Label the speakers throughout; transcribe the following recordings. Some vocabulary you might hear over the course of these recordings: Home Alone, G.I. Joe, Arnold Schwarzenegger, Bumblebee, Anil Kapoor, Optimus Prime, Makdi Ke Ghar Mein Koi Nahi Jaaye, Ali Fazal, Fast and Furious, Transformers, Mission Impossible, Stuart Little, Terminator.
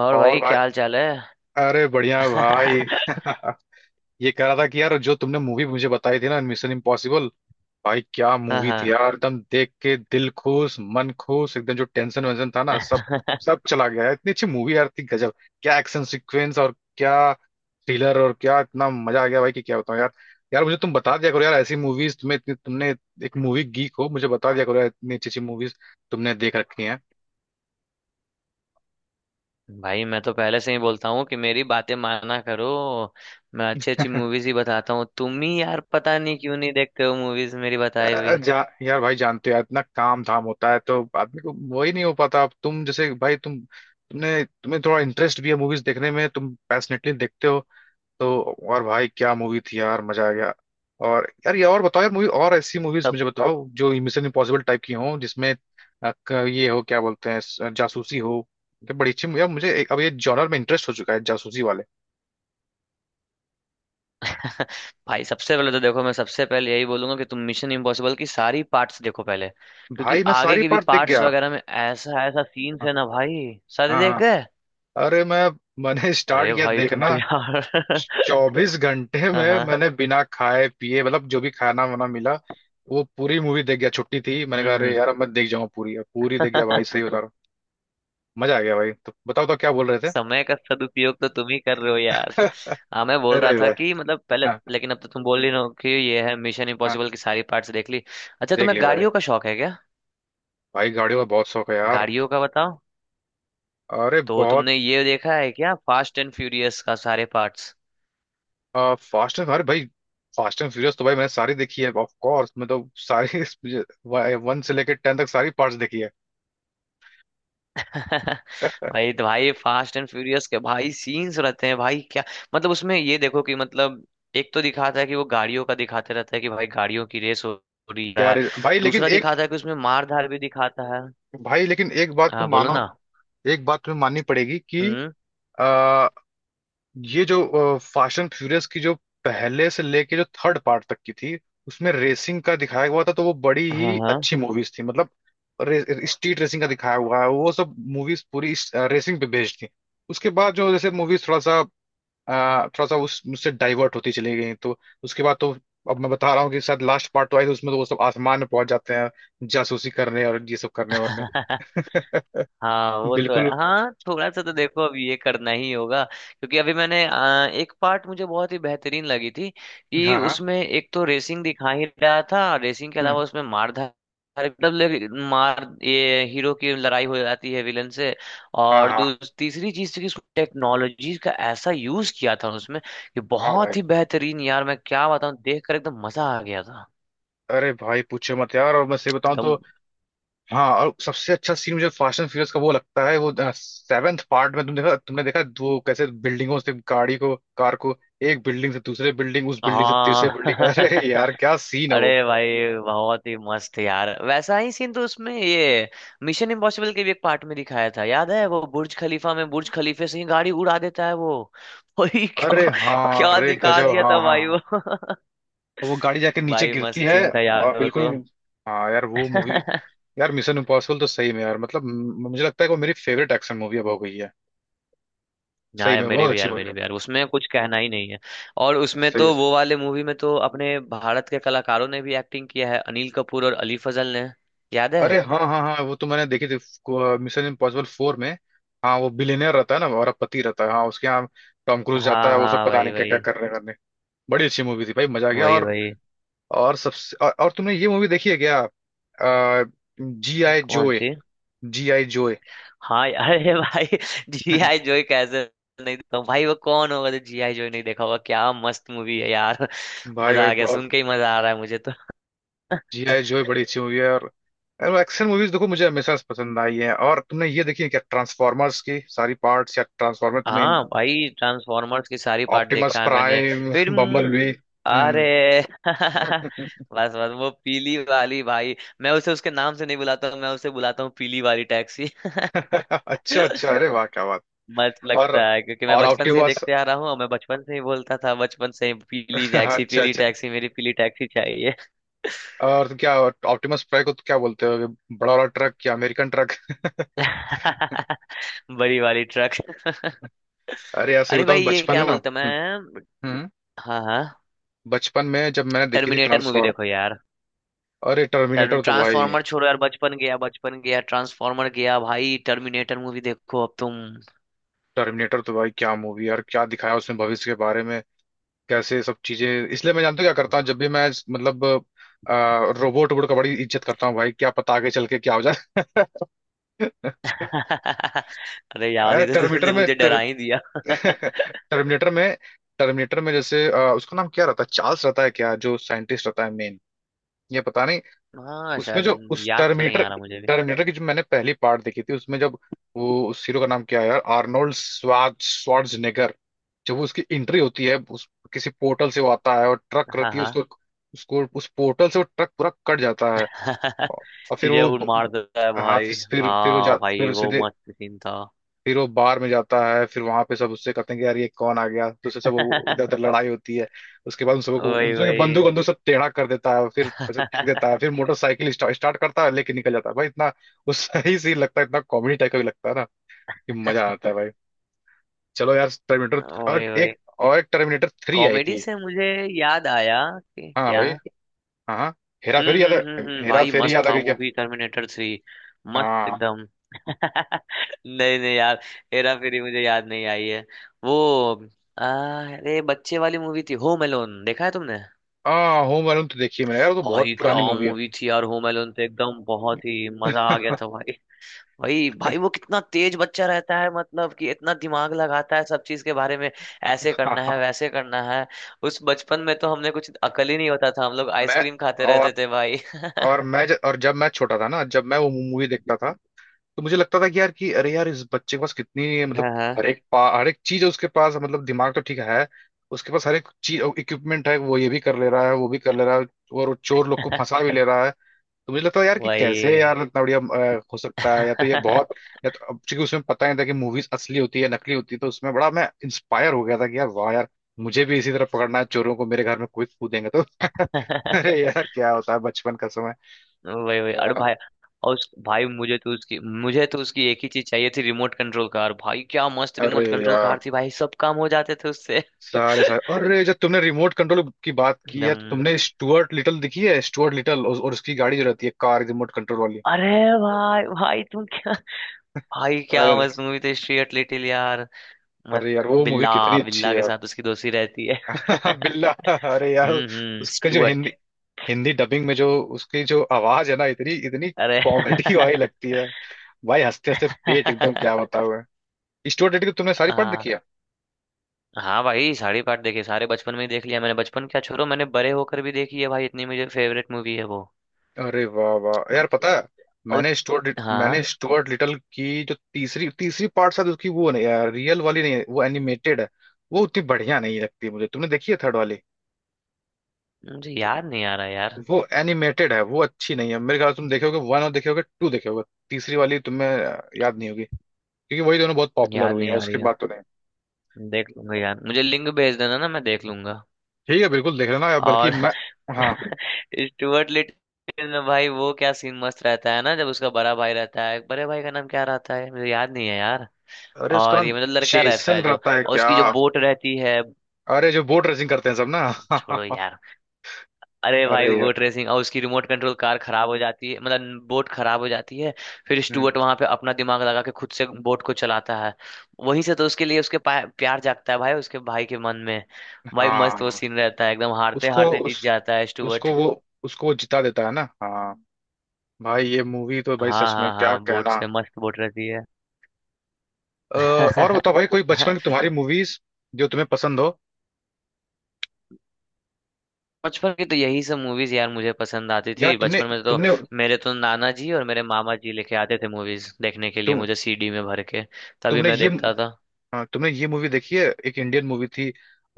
Speaker 1: और
Speaker 2: और
Speaker 1: भाई
Speaker 2: भाई,
Speaker 1: क्या हाल चाल है।
Speaker 2: अरे बढ़िया भाई। ये कह रहा था कि यार, जो तुमने मूवी मुझे बताई थी ना मिशन इम्पॉसिबल, भाई क्या
Speaker 1: हाँ,
Speaker 2: मूवी
Speaker 1: हाँ।
Speaker 2: थी यार। एकदम देख के दिल खुश मन खुश, एकदम जो टेंशन वेंशन था ना सब सब चला गया यार। इतनी अच्छी मूवी यार थी, गजब। क्या एक्शन सीक्वेंस और क्या थ्रिलर और क्या, इतना मजा आ गया भाई कि क्या बताऊं यार। यार मुझे तुम बता दिया करो यार, ऐसी मूवीज तुम्हें तुमने, एक मूवी गीक हो, मुझे बता दिया करो यार इतनी अच्छी अच्छी मूवीज तुमने देख रखी हैं।
Speaker 1: भाई, मैं तो पहले से ही बोलता हूँ कि मेरी बातें माना करो। मैं अच्छी अच्छी मूवीज ही बताता हूँ, तुम ही यार पता नहीं क्यों नहीं देखते हो मूवीज मेरी बताई हुई।
Speaker 2: यार जा, यार भाई जानते हो यार इतना काम धाम होता है तो आदमी को वही नहीं हो पाता। अब तुम जैसे भाई तुम्हें थोड़ा इंटरेस्ट भी है मूवीज देखने में, तुम पैशनेटली देखते हो तो। और भाई क्या मूवी थी यार, मजा आ गया। और यार, ये और बताओ यार मूवी, और ऐसी मूवीज
Speaker 1: सब।
Speaker 2: मुझे बताओ जो मिशन इम्पॉसिबल टाइप की हो जिसमें ये हो, क्या बोलते हैं, जासूसी हो। ये बड़ी अच्छी यार, मुझे अब ये जॉनर में इंटरेस्ट हो चुका है, जासूसी वाले।
Speaker 1: भाई, सबसे पहले तो देखो, मैं सबसे पहले यही बोलूंगा कि तुम मिशन इम्पॉसिबल की सारी पार्ट्स देखो पहले। क्योंकि
Speaker 2: भाई मैं
Speaker 1: आगे
Speaker 2: सारी
Speaker 1: की भी
Speaker 2: पार्ट देख
Speaker 1: पार्ट्स
Speaker 2: गया।
Speaker 1: वगैरह में ऐसा ऐसा सीन्स
Speaker 2: हाँ
Speaker 1: है ना, भाई सारे
Speaker 2: हाँ
Speaker 1: देख
Speaker 2: हाँ।
Speaker 1: गए।
Speaker 2: अरे मैंने स्टार्ट
Speaker 1: अरे
Speaker 2: किया
Speaker 1: भाई, तुम
Speaker 2: देखना।
Speaker 1: तो यार।
Speaker 2: 24 घंटे
Speaker 1: हाँ,
Speaker 2: में
Speaker 1: हाँ।
Speaker 2: मैंने बिना खाए पिए, मतलब जो भी खाना वाना मिला वो पूरी मूवी देख गया। छुट्टी थी, मैंने कहा अरे
Speaker 1: हम्म,
Speaker 2: यार अब मैं देख जाऊँ पूरी, अब पूरी देख गया
Speaker 1: हम्म।
Speaker 2: भाई, सही बता रहा हूँ। मजा आ गया भाई। तो बताओ तो क्या बोल रहे थे।
Speaker 1: समय का सदुपयोग तो तुम ही कर रहे हो यार। हाँ, मैं बोल रहा
Speaker 2: अरे
Speaker 1: था
Speaker 2: भाई,
Speaker 1: कि मतलब पहले।
Speaker 2: हाँ
Speaker 1: लेकिन अब तो तुम बोल रही हो कि ये है, मिशन
Speaker 2: हाँ।
Speaker 1: इम्पॉसिबल की सारी पार्ट्स देख ली। अच्छा,
Speaker 2: देख
Speaker 1: तुम्हें
Speaker 2: लिया भाई।
Speaker 1: गाड़ियों का शौक है क्या?
Speaker 2: भाई गाड़ियों का बहुत शौक है यार।
Speaker 1: गाड़ियों का बताओ।
Speaker 2: अरे
Speaker 1: तो
Speaker 2: बहुत।
Speaker 1: तुमने ये देखा है क्या, फास्ट एंड फ्यूरियस का सारे पार्ट्स?
Speaker 2: फास्ट एंड अरे भाई, फास्ट एंड फ्यूरियस तो भाई मैंने सारी देखी है, ऑफ कोर्स मैं तो सारी। वन से लेकर 10 तक सारी पार्ट्स देखी है।
Speaker 1: भाई तो भाई, फास्ट एंड फ्यूरियस के भाई सीन्स रहते हैं भाई क्या। मतलब उसमें ये देखो कि मतलब, एक तो दिखाता है कि वो गाड़ियों का दिखाते रहता है कि भाई गाड़ियों की रेस हो रही है।
Speaker 2: भाई लेकिन
Speaker 1: दूसरा
Speaker 2: एक,
Speaker 1: दिखाता है कि उसमें मार धार भी दिखाता है।
Speaker 2: भाई लेकिन एक बात
Speaker 1: हाँ,
Speaker 2: तुम
Speaker 1: बोलो
Speaker 2: मानो,
Speaker 1: ना।
Speaker 2: एक बात तुम्हें माननी पड़ेगी कि
Speaker 1: हम्म?
Speaker 2: आ, ये जो फास्ट एंड फ्यूरियस की जो पहले से लेके जो थर्ड पार्ट तक की थी उसमें रेसिंग का दिखाया हुआ था, तो वो बड़ी
Speaker 1: हाँ,
Speaker 2: ही
Speaker 1: हाँ।
Speaker 2: अच्छी मूवीज थी मतलब। स्ट्रीट रेसिंग का दिखाया हुआ है, वो सब मूवीज पूरी रेसिंग पे बेस्ड थी। उसके बाद जो जैसे मूवीज थोड़ा सा, थोड़ा सा उस उससे डाइवर्ट होती चली गई, तो उसके बाद तो अब मैं बता रहा हूँ कि शायद लास्ट पार्ट तो आई तो उसमें तो वो सब आसमान में पहुंच जाते हैं जासूसी करने और ये सब करने वरने।
Speaker 1: हाँ, वो तो है।
Speaker 2: बिल्कुल।
Speaker 1: हाँ, थोड़ा सा तो देखो, अब ये करना ही होगा, क्योंकि अभी मैंने एक पार्ट मुझे बहुत ही बेहतरीन लगी थी कि
Speaker 2: हाँ हाँ।
Speaker 1: उसमें एक तो रेसिंग दिखा ही रहा था, रेसिंग के
Speaker 2: हम्म।
Speaker 1: अलावा उसमें मार धाड़, मतलब मार, ये हीरो की लड़ाई हो जाती है विलन से।
Speaker 2: हाँ
Speaker 1: और
Speaker 2: हाँ
Speaker 1: दूसरी तीसरी चीज थी कि टेक्नोलॉजी का ऐसा यूज किया था उसमें, कि
Speaker 2: हाँ भाई,
Speaker 1: बहुत ही बेहतरीन यार, मैं क्या बताऊं, देख कर एकदम मजा आ गया था।
Speaker 2: अरे भाई पूछो मत यार। और मैं सही बताऊं तो,
Speaker 1: एकदम।
Speaker 2: हाँ, और सबसे अच्छा सीन मुझे फास्ट एंड फ्यूरियस का वो लगता है, वो सेवेंथ पार्ट में, तुम देखा, तुमने देखा वो कैसे बिल्डिंगों से गाड़ी को, कार को, एक बिल्डिंग से दूसरे बिल्डिंग, उस बिल्डिंग से
Speaker 1: हाँ।
Speaker 2: तीसरे बिल्डिंग, अरे यार क्या सीन है वो।
Speaker 1: अरे भाई, बहुत ही मस्त यार, वैसा ही सीन तो उसमें ये मिशन इम्पॉसिबल के भी एक पार्ट में दिखाया था, याद है, वो बुर्ज खलीफा में बुर्ज खलीफे से ही गाड़ी उड़ा देता है वो। भाई
Speaker 2: अरे
Speaker 1: क्या।
Speaker 2: हाँ,
Speaker 1: क्या
Speaker 2: अरे
Speaker 1: दिखा
Speaker 2: गजब,
Speaker 1: दिया
Speaker 2: हाँ
Speaker 1: था
Speaker 2: हाँ
Speaker 1: भाई
Speaker 2: हाँ।
Speaker 1: वो।
Speaker 2: तो वो गाड़ी जाके नीचे
Speaker 1: भाई
Speaker 2: गिरती
Speaker 1: मस्त
Speaker 2: है
Speaker 1: सीन था यार
Speaker 2: और,
Speaker 1: वो
Speaker 2: बिल्कुल।
Speaker 1: तो।
Speaker 2: हाँ यार वो मूवी, यार मिशन इम्पॉसिबल तो सही में यार मतलब, मुझे लगता है कि वो मेरी फेवरेट एक्शन मूवी अब हो गई है।
Speaker 1: ना
Speaker 2: सही
Speaker 1: यार,
Speaker 2: में
Speaker 1: मेरी
Speaker 2: बहुत
Speaker 1: भी
Speaker 2: अच्छी
Speaker 1: यार,
Speaker 2: मूवी
Speaker 1: मेरी
Speaker 2: है।
Speaker 1: भी यार, उसमें कुछ कहना ही नहीं है। और उसमें
Speaker 2: सही।
Speaker 1: तो वो वाले मूवी में तो अपने भारत के कलाकारों ने भी एक्टिंग किया है, अनिल कपूर और अली फजल ने। याद है।
Speaker 2: अरे हाँ हाँ हाँ, वो तो मैंने देखी थी मिशन इम्पॉसिबल फोर में। हाँ, वो बिलियनर रहता है ना और पति रहता है हाँ, उसके यहाँ टॉम क्रूज जाता
Speaker 1: हाँ,
Speaker 2: है वो सब,
Speaker 1: हाँ,
Speaker 2: पता
Speaker 1: वही,
Speaker 2: नहीं क्या क्या
Speaker 1: वही।
Speaker 2: कर रहे करने। बड़ी अच्छी मूवी थी भाई, मजा आ गया।
Speaker 1: वही,
Speaker 2: और
Speaker 1: वही।
Speaker 2: और सबसे तुमने ये मूवी देखी है क्या, जी आई
Speaker 1: कौन
Speaker 2: जोए।
Speaker 1: सी?
Speaker 2: जी आई जोए।
Speaker 1: हाँ। यार, अरे भाई, जी आई जॉय कैसे नहीं देखा हूँ? भाई, वो कौन होगा जो जी आई जॉय नहीं देखा होगा, क्या मस्त मूवी है यार।
Speaker 2: भाई
Speaker 1: मजा
Speaker 2: भाई
Speaker 1: आ गया,
Speaker 2: बहुत।
Speaker 1: सुन के ही मजा आ रहा है मुझे तो।
Speaker 2: जी आई जोए बड़ी अच्छी मूवी है। और एक्शन मूवीज देखो मुझे हमेशा से पसंद आई है। और तुमने ये देखी है क्या ट्रांसफॉर्मर्स की सारी पार्ट्स, या ट्रांसफॉर्मर तुम्हें,
Speaker 1: हाँ भाई, ट्रांसफॉर्मर्स की सारी पार्ट
Speaker 2: ऑप्टिमस
Speaker 1: देखा है मैंने।
Speaker 2: प्राइम,
Speaker 1: फिर,
Speaker 2: बम्बल
Speaker 1: हम्म।
Speaker 2: बी। हम्म।
Speaker 1: अरे। बस, बस, वो पीली वाली भाई। मैं उसे उसके नाम से नहीं बुलाता हूँ, मैं उसे बुलाता हूँ पीली वाली टैक्सी।
Speaker 2: अच्छा अच्छा, अरे वाह क्या बात।
Speaker 1: मस्त लगता
Speaker 2: और
Speaker 1: है, क्योंकि मैं
Speaker 2: और
Speaker 1: बचपन से ही
Speaker 2: ऑप्टिमस।
Speaker 1: देखते आ रहा हूँ और मैं बचपन से ही बोलता था, बचपन से ही पीली टैक्सी,
Speaker 2: अच्छा
Speaker 1: पीली
Speaker 2: अच्छा।
Speaker 1: टैक्सी, मेरी पीली टैक्सी चाहिए।
Speaker 2: और क्या ऑप्टिमस प्राइम को तो क्या बोलते हो, बड़ा वाला ट्रक क्या, अमेरिकन ट्रक।
Speaker 1: बड़ी वाली ट्रक।
Speaker 2: अरे यार सही
Speaker 1: अरे भाई,
Speaker 2: बताऊं
Speaker 1: ये
Speaker 2: बचपन में
Speaker 1: क्या
Speaker 2: ना,
Speaker 1: बोलते
Speaker 2: हम्म।
Speaker 1: मैं।
Speaker 2: हम्म,
Speaker 1: हाँ, हाँ।
Speaker 2: बचपन में जब मैंने देखी थी
Speaker 1: टर्मिनेटर मूवी
Speaker 2: ट्रांसफॉर्म,
Speaker 1: देखो यार।
Speaker 2: अरे टर्मिनेटर तो भाई,
Speaker 1: ट्रांसफॉर्मर छोड़ो यार, बचपन गया, बचपन गया, ट्रांसफॉर्मर गया भाई, टर्मिनेटर मूवी देखो अब तुम।
Speaker 2: टर्मिनेटर तो भाई क्या मूवी यार, क्या दिखाया उसमें भविष्य के बारे में, कैसे सब चीजें, इसलिए मैं जानते हो क्या करता हूँ जब भी मैं, मतलब, रोबोट वोबोट का बड़ी इज्जत करता हूँ भाई, क्या पता आगे चल के क्या हो जाए।
Speaker 1: अरे यार,
Speaker 2: अरे
Speaker 1: ये तो
Speaker 2: टर्मिनेटर
Speaker 1: तुमने
Speaker 2: में।
Speaker 1: मुझे डरा ही दिया।
Speaker 2: टर्मिनेटर में टर्मिनेटर में जैसे उसका नाम क्या रहता है, चार्ल्स रहता है क्या, जो साइंटिस्ट रहता है मेन, ये पता नहीं।
Speaker 1: हाँ,
Speaker 2: उसमें जो
Speaker 1: शायद
Speaker 2: उस
Speaker 1: याद तो नहीं
Speaker 2: टर्मिनेटर
Speaker 1: आ रहा मुझे भी।
Speaker 2: टर्मिनेटर की जो मैंने पहली पार्ट देखी थी, उसमें जब वो उस हीरो का नाम क्या है यार, आर्नोल्ड स्वार्ज स्वार्जनेगर, जब वो उसकी एंट्री होती है उस किसी पोर्टल से वो आता है और ट्रक
Speaker 1: हाँ,
Speaker 2: करती है
Speaker 1: हाँ।
Speaker 2: उसको, उसको उस पोर्टल से वो ट्रक पूरा कट जाता है। और और फिर
Speaker 1: सीधे
Speaker 2: वो,
Speaker 1: उड़ मार देता है
Speaker 2: हाँ,
Speaker 1: भाई।
Speaker 2: फिर वो जा,
Speaker 1: हाँ भाई,
Speaker 2: फिर
Speaker 1: वो
Speaker 2: सीधे,
Speaker 1: मस्त सीन था।
Speaker 2: फिर वो बार में जाता है, फिर वहां पे सब उससे कहते हैं कि यार ये कौन आ गया, तो उससे सब वो इधर उधर लड़ाई होती है। उसके बाद उन सबको उन
Speaker 1: वही,
Speaker 2: सबके
Speaker 1: वही।
Speaker 2: बंदूक बंदूक सब टेढ़ा कर देता है, फिर ऐसे फेंक देता है, फिर मोटरसाइकिल स्टार्ट स्टार्ट करता है लेके निकल जाता है भाई इतना वो। सही सीन लगता है, इतना कॉमेडी टाइप का भी लगता है ना, कि मजा आता है। भाई चलो यार टर्मिनेटर, और
Speaker 1: वही,
Speaker 2: एक,
Speaker 1: वही।
Speaker 2: और एक टर्मिनेटर थ्री आई
Speaker 1: कॉमेडी
Speaker 2: थी।
Speaker 1: से मुझे याद आया कि
Speaker 2: हाँ
Speaker 1: क्या।
Speaker 2: भाई। हाँ हाँ।
Speaker 1: हम्म, हम्म, हम्म, हम्म,
Speaker 2: हेरा
Speaker 1: भाई
Speaker 2: फेरी
Speaker 1: मस्त
Speaker 2: याद आ
Speaker 1: था
Speaker 2: गई
Speaker 1: वो
Speaker 2: क्या।
Speaker 1: भी टर्मिनेटर थ्री। मस्त
Speaker 2: हाँ
Speaker 1: एकदम। नहीं, नहीं यार, हेरा फेरी मुझे याद नहीं आई है। वो, आ, अरे, बच्चे वाली मूवी थी, होम एलोन देखा है तुमने?
Speaker 2: हाँ। होम अलोन तो देखी है मैंने यार, वो तो बहुत
Speaker 1: भाई क्या
Speaker 2: पुरानी मूवी है।
Speaker 1: मूवी थी यार, होम एलोन तो एकदम बहुत ही मजा आ गया
Speaker 2: हाँ,
Speaker 1: था भाई। वही भाई, वो कितना तेज बच्चा रहता है, मतलब कि इतना दिमाग लगाता है सब चीज के बारे में, ऐसे करना
Speaker 2: हाँ,
Speaker 1: है, वैसे करना है। उस बचपन में तो हमने कुछ अकल ही नहीं होता था, हम लोग
Speaker 2: मैं,
Speaker 1: आइसक्रीम खाते रहते
Speaker 2: और
Speaker 1: थे भाई, हाँ।
Speaker 2: और मैं और जब मैं छोटा था ना, जब मैं वो मूवी देखता था तो मुझे लगता था कि यार, कि अरे यार इस बच्चे के पास कितनी, मतलब
Speaker 1: हाँ।
Speaker 2: हर एक चीज है उसके पास, मतलब दिमाग तो ठीक है, उसके पास हर एक चीज इक्विपमेंट है, वो ये भी कर ले रहा है, वो भी कर ले रहा है, और वो चोर लोग को फंसा भी ले रहा है। तो मुझे लगता है यार कि
Speaker 1: वही।
Speaker 2: कैसे यार इतना बढ़िया हो सकता है, या तो ये बहुत, या तो, अब चूंकि उसमें पता नहीं था कि मूवीज असली होती है नकली होती है तो उसमें बड़ा मैं इंस्पायर हो गया था कि यार वाह यार, मुझे भी इसी तरह पकड़ना है चोरों को, मेरे घर में कोई कूदेंगे तो। अरे यार क्या होता है बचपन का।
Speaker 1: वही, वही, अरे
Speaker 2: यार,
Speaker 1: भाई। और उस भाई, मुझे तो उसकी एक ही चीज चाहिए थी, रिमोट कंट्रोल कार भाई, क्या मस्त
Speaker 2: अरे
Speaker 1: रिमोट कंट्रोल
Speaker 2: यार
Speaker 1: कार थी भाई, सब काम हो जाते थे उससे।
Speaker 2: सारे सारे अरे जब तुमने रिमोट कंट्रोल की बात की है तो
Speaker 1: एकदम।
Speaker 2: तुमने स्टुअर्ट लिटल देखी है, स्टुअर्ट लिटल, और उसकी गाड़ी जो रहती है कार, रिमोट कंट्रोल वाली।
Speaker 1: अरे भाई, भाई तुम क्या, भाई क्या
Speaker 2: अरे,
Speaker 1: मस्त मूवी थी स्ट्रीट लिटिल यार, मस्त।
Speaker 2: अरे यार वो मूवी
Speaker 1: बिल्ला।
Speaker 2: कितनी अच्छी है
Speaker 1: बिल्ला के
Speaker 2: यार।
Speaker 1: साथ उसकी दोस्ती रहती है।
Speaker 2: बिल्ला। अरे यार
Speaker 1: हम्म, हम्म,
Speaker 2: उसका जो
Speaker 1: स्टुअर्ट।
Speaker 2: हिंदी, हिंदी डबिंग में जो उसकी जो आवाज है ना, इतनी इतनी
Speaker 1: अरे।
Speaker 2: कॉमेडी वाली लगती है भाई, हंसते हंसते पेट एकदम क्या बताओ है। स्टुअर्ट लिटल की तुमने सारी पार्ट
Speaker 1: हाँ,
Speaker 2: देखी है।
Speaker 1: हाँ भाई, सारे पार्ट देखे, सारे बचपन में ही देख लिया मैंने, बचपन क्या छोड़ो, मैंने बड़े होकर भी देखी है भाई, इतनी मुझे फेवरेट मूवी है वो।
Speaker 2: अरे वाह वाह यार, पता
Speaker 1: अच्छा,
Speaker 2: है,
Speaker 1: और हाँ।
Speaker 2: मैंने स्टुअर्ट लिटल की जो तीसरी तीसरी पार्ट, शायद उसकी वो, नहीं यार रियल वाली नहीं है वो, एनिमेटेड है। वो उतनी बढ़िया नहीं लगती मुझे, तुमने देखी है थर्ड वाली।
Speaker 1: मुझे याद नहीं आ रहा यार।
Speaker 2: वो एनिमेटेड है, वो अच्छी नहीं है मेरे ख्याल से। तुम देखोगे वन, और देखोगे टू, देखोगे, तीसरी वाली तुम्हें याद नहीं होगी क्योंकि वही दोनों बहुत पॉपुलर
Speaker 1: याद
Speaker 2: हुई
Speaker 1: नहीं
Speaker 2: है,
Speaker 1: आ रही
Speaker 2: उसके
Speaker 1: है।
Speaker 2: बाद तो नहीं।
Speaker 1: देख लूंगा यार, मुझे लिंक भेज देना ना, मैं देख लूंगा।
Speaker 2: ठीक है बिल्कुल देख लेना यार, बल्कि
Speaker 1: और
Speaker 2: मैं, हाँ
Speaker 1: स्टुअर्ट लिटिल में भाई वो क्या सीन मस्त रहता है ना, जब उसका बड़ा भाई रहता है, बड़े भाई का नाम क्या रहता है, मुझे याद नहीं है यार।
Speaker 2: अरे उसका
Speaker 1: और
Speaker 2: नाम
Speaker 1: ये मतलब लड़का रहता
Speaker 2: जेसन
Speaker 1: है जो,
Speaker 2: रहता है
Speaker 1: और
Speaker 2: क्या,
Speaker 1: उसकी जो बोट रहती है,
Speaker 2: अरे जो बोट रेसिंग करते हैं सब
Speaker 1: छोड़ो
Speaker 2: ना।
Speaker 1: यार। अरे भाई,
Speaker 2: अरे यार।
Speaker 1: बोट रेसिंग, और उसकी रिमोट कंट्रोल कार खराब हो जाती है, मतलब बोट खराब हो जाती है। फिर
Speaker 2: हम्म,
Speaker 1: स्टुअर्ट वहां पे अपना दिमाग लगा के खुद से बोट को चलाता है। वहीं से तो उसके लिए उसके प्यार जागता है भाई, उसके भाई के मन में। भाई
Speaker 2: हाँ
Speaker 1: मस्त वो
Speaker 2: हाँ।
Speaker 1: सीन रहता है, एकदम हारते
Speaker 2: उसको
Speaker 1: हारते
Speaker 2: उस,
Speaker 1: जीत जाता है
Speaker 2: उसको
Speaker 1: स्टुअर्ट।
Speaker 2: वो, उसको वो जिता देता है ना, हाँ। भाई ये मूवी तो भाई
Speaker 1: हाँ,
Speaker 2: सच में
Speaker 1: हाँ,
Speaker 2: क्या
Speaker 1: हाँ, बोट
Speaker 2: कहना।
Speaker 1: से मस्त बोट रहती है।
Speaker 2: और बताओ भाई कोई बचपन की तुम्हारी मूवीज जो तुम्हें पसंद हो।
Speaker 1: बचपन की तो यही सब मूवीज यार मुझे पसंद आती
Speaker 2: यार,
Speaker 1: थी
Speaker 2: तुमने
Speaker 1: बचपन में तो।
Speaker 2: तुमने
Speaker 1: मेरे तो नाना जी और मेरे मामा जी लेके आते थे मूवीज देखने के लिए
Speaker 2: तुम
Speaker 1: मुझे, सीडी में भर के। तभी
Speaker 2: तुमने
Speaker 1: मैं
Speaker 2: ये
Speaker 1: देखता था।
Speaker 2: हाँ, तुमने ये मूवी देखी है एक इंडियन मूवी थी,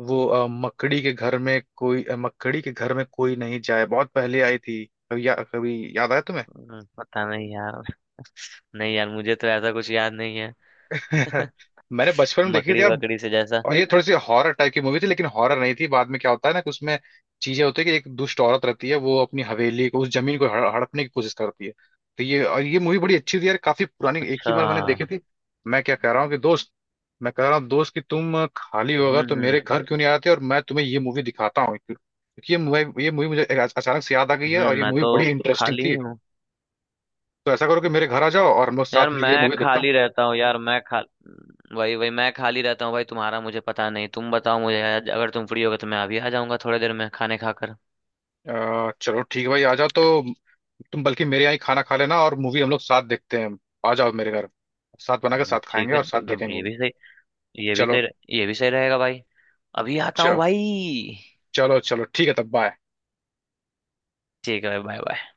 Speaker 2: वो मकड़ी के घर में कोई, मकड़ी के घर में कोई नहीं जाए, बहुत पहले आई थी कभी, कभी याद आया तुम्हें।
Speaker 1: पता नहीं यार। नहीं यार, मुझे तो ऐसा कुछ याद नहीं है।
Speaker 2: मैंने बचपन में देखी थी
Speaker 1: मकड़ी
Speaker 2: यार,
Speaker 1: वकड़ी से जैसा।
Speaker 2: और ये थोड़ी सी हॉरर टाइप की मूवी थी लेकिन हॉरर नहीं थी, बाद में क्या होता है ना कि उसमें चीजें होती है कि एक दुष्ट औरत रहती है वो अपनी हवेली को उस जमीन को हड़पने की कोशिश करती है। तो ये, और ये मूवी बड़ी अच्छी थी यार, काफी पुरानी, एक ही
Speaker 1: अच्छा।
Speaker 2: बार मैंने देखी थी। मैं क्या कह रहा हूँ कि दोस्त मैं कह रहा हूँ दोस्त कि तुम खाली हो
Speaker 1: हम्म,
Speaker 2: अगर तो
Speaker 1: हम्म,
Speaker 2: मेरे घर क्यों नहीं आते और मैं तुम्हें ये मूवी दिखाता हूँ, क्योंकि ये मूवी मुझे अचानक से याद आ गई है
Speaker 1: हम्म।
Speaker 2: और ये
Speaker 1: मैं
Speaker 2: मूवी
Speaker 1: तो
Speaker 2: बड़ी इंटरेस्टिंग
Speaker 1: खाली
Speaker 2: थी।
Speaker 1: हूँ।
Speaker 2: तो ऐसा करो कि मेरे घर आ जाओ और हम लोग
Speaker 1: यार
Speaker 2: साथ मिलकर ये
Speaker 1: मैं
Speaker 2: मूवी देखते हैं।
Speaker 1: खाली रहता हूँ यार, मैं खा वही, वही, मैं खाली रहता हूँ भाई, तुम्हारा मुझे पता नहीं, तुम बताओ मुझे, अगर तुम फ्री होगे तो मैं अभी आ जाऊंगा थोड़ी देर में खाने खाकर।
Speaker 2: चलो ठीक है भाई, आ जाओ तो। तुम बल्कि मेरे यहाँ ही खाना खा लेना और मूवी हम लोग साथ देखते हैं, आ जाओ मेरे घर, साथ बना के साथ
Speaker 1: ठीक
Speaker 2: खाएंगे
Speaker 1: है,
Speaker 2: और साथ
Speaker 1: ये
Speaker 2: देखेंगे।
Speaker 1: भी सही, ये भी
Speaker 2: चलो
Speaker 1: सही ये भी सही रहेगा भाई। अभी आता हूँ
Speaker 2: चलो
Speaker 1: भाई।
Speaker 2: चलो चलो, ठीक है तब, बाय।
Speaker 1: ठीक है भाई, बाय बाय।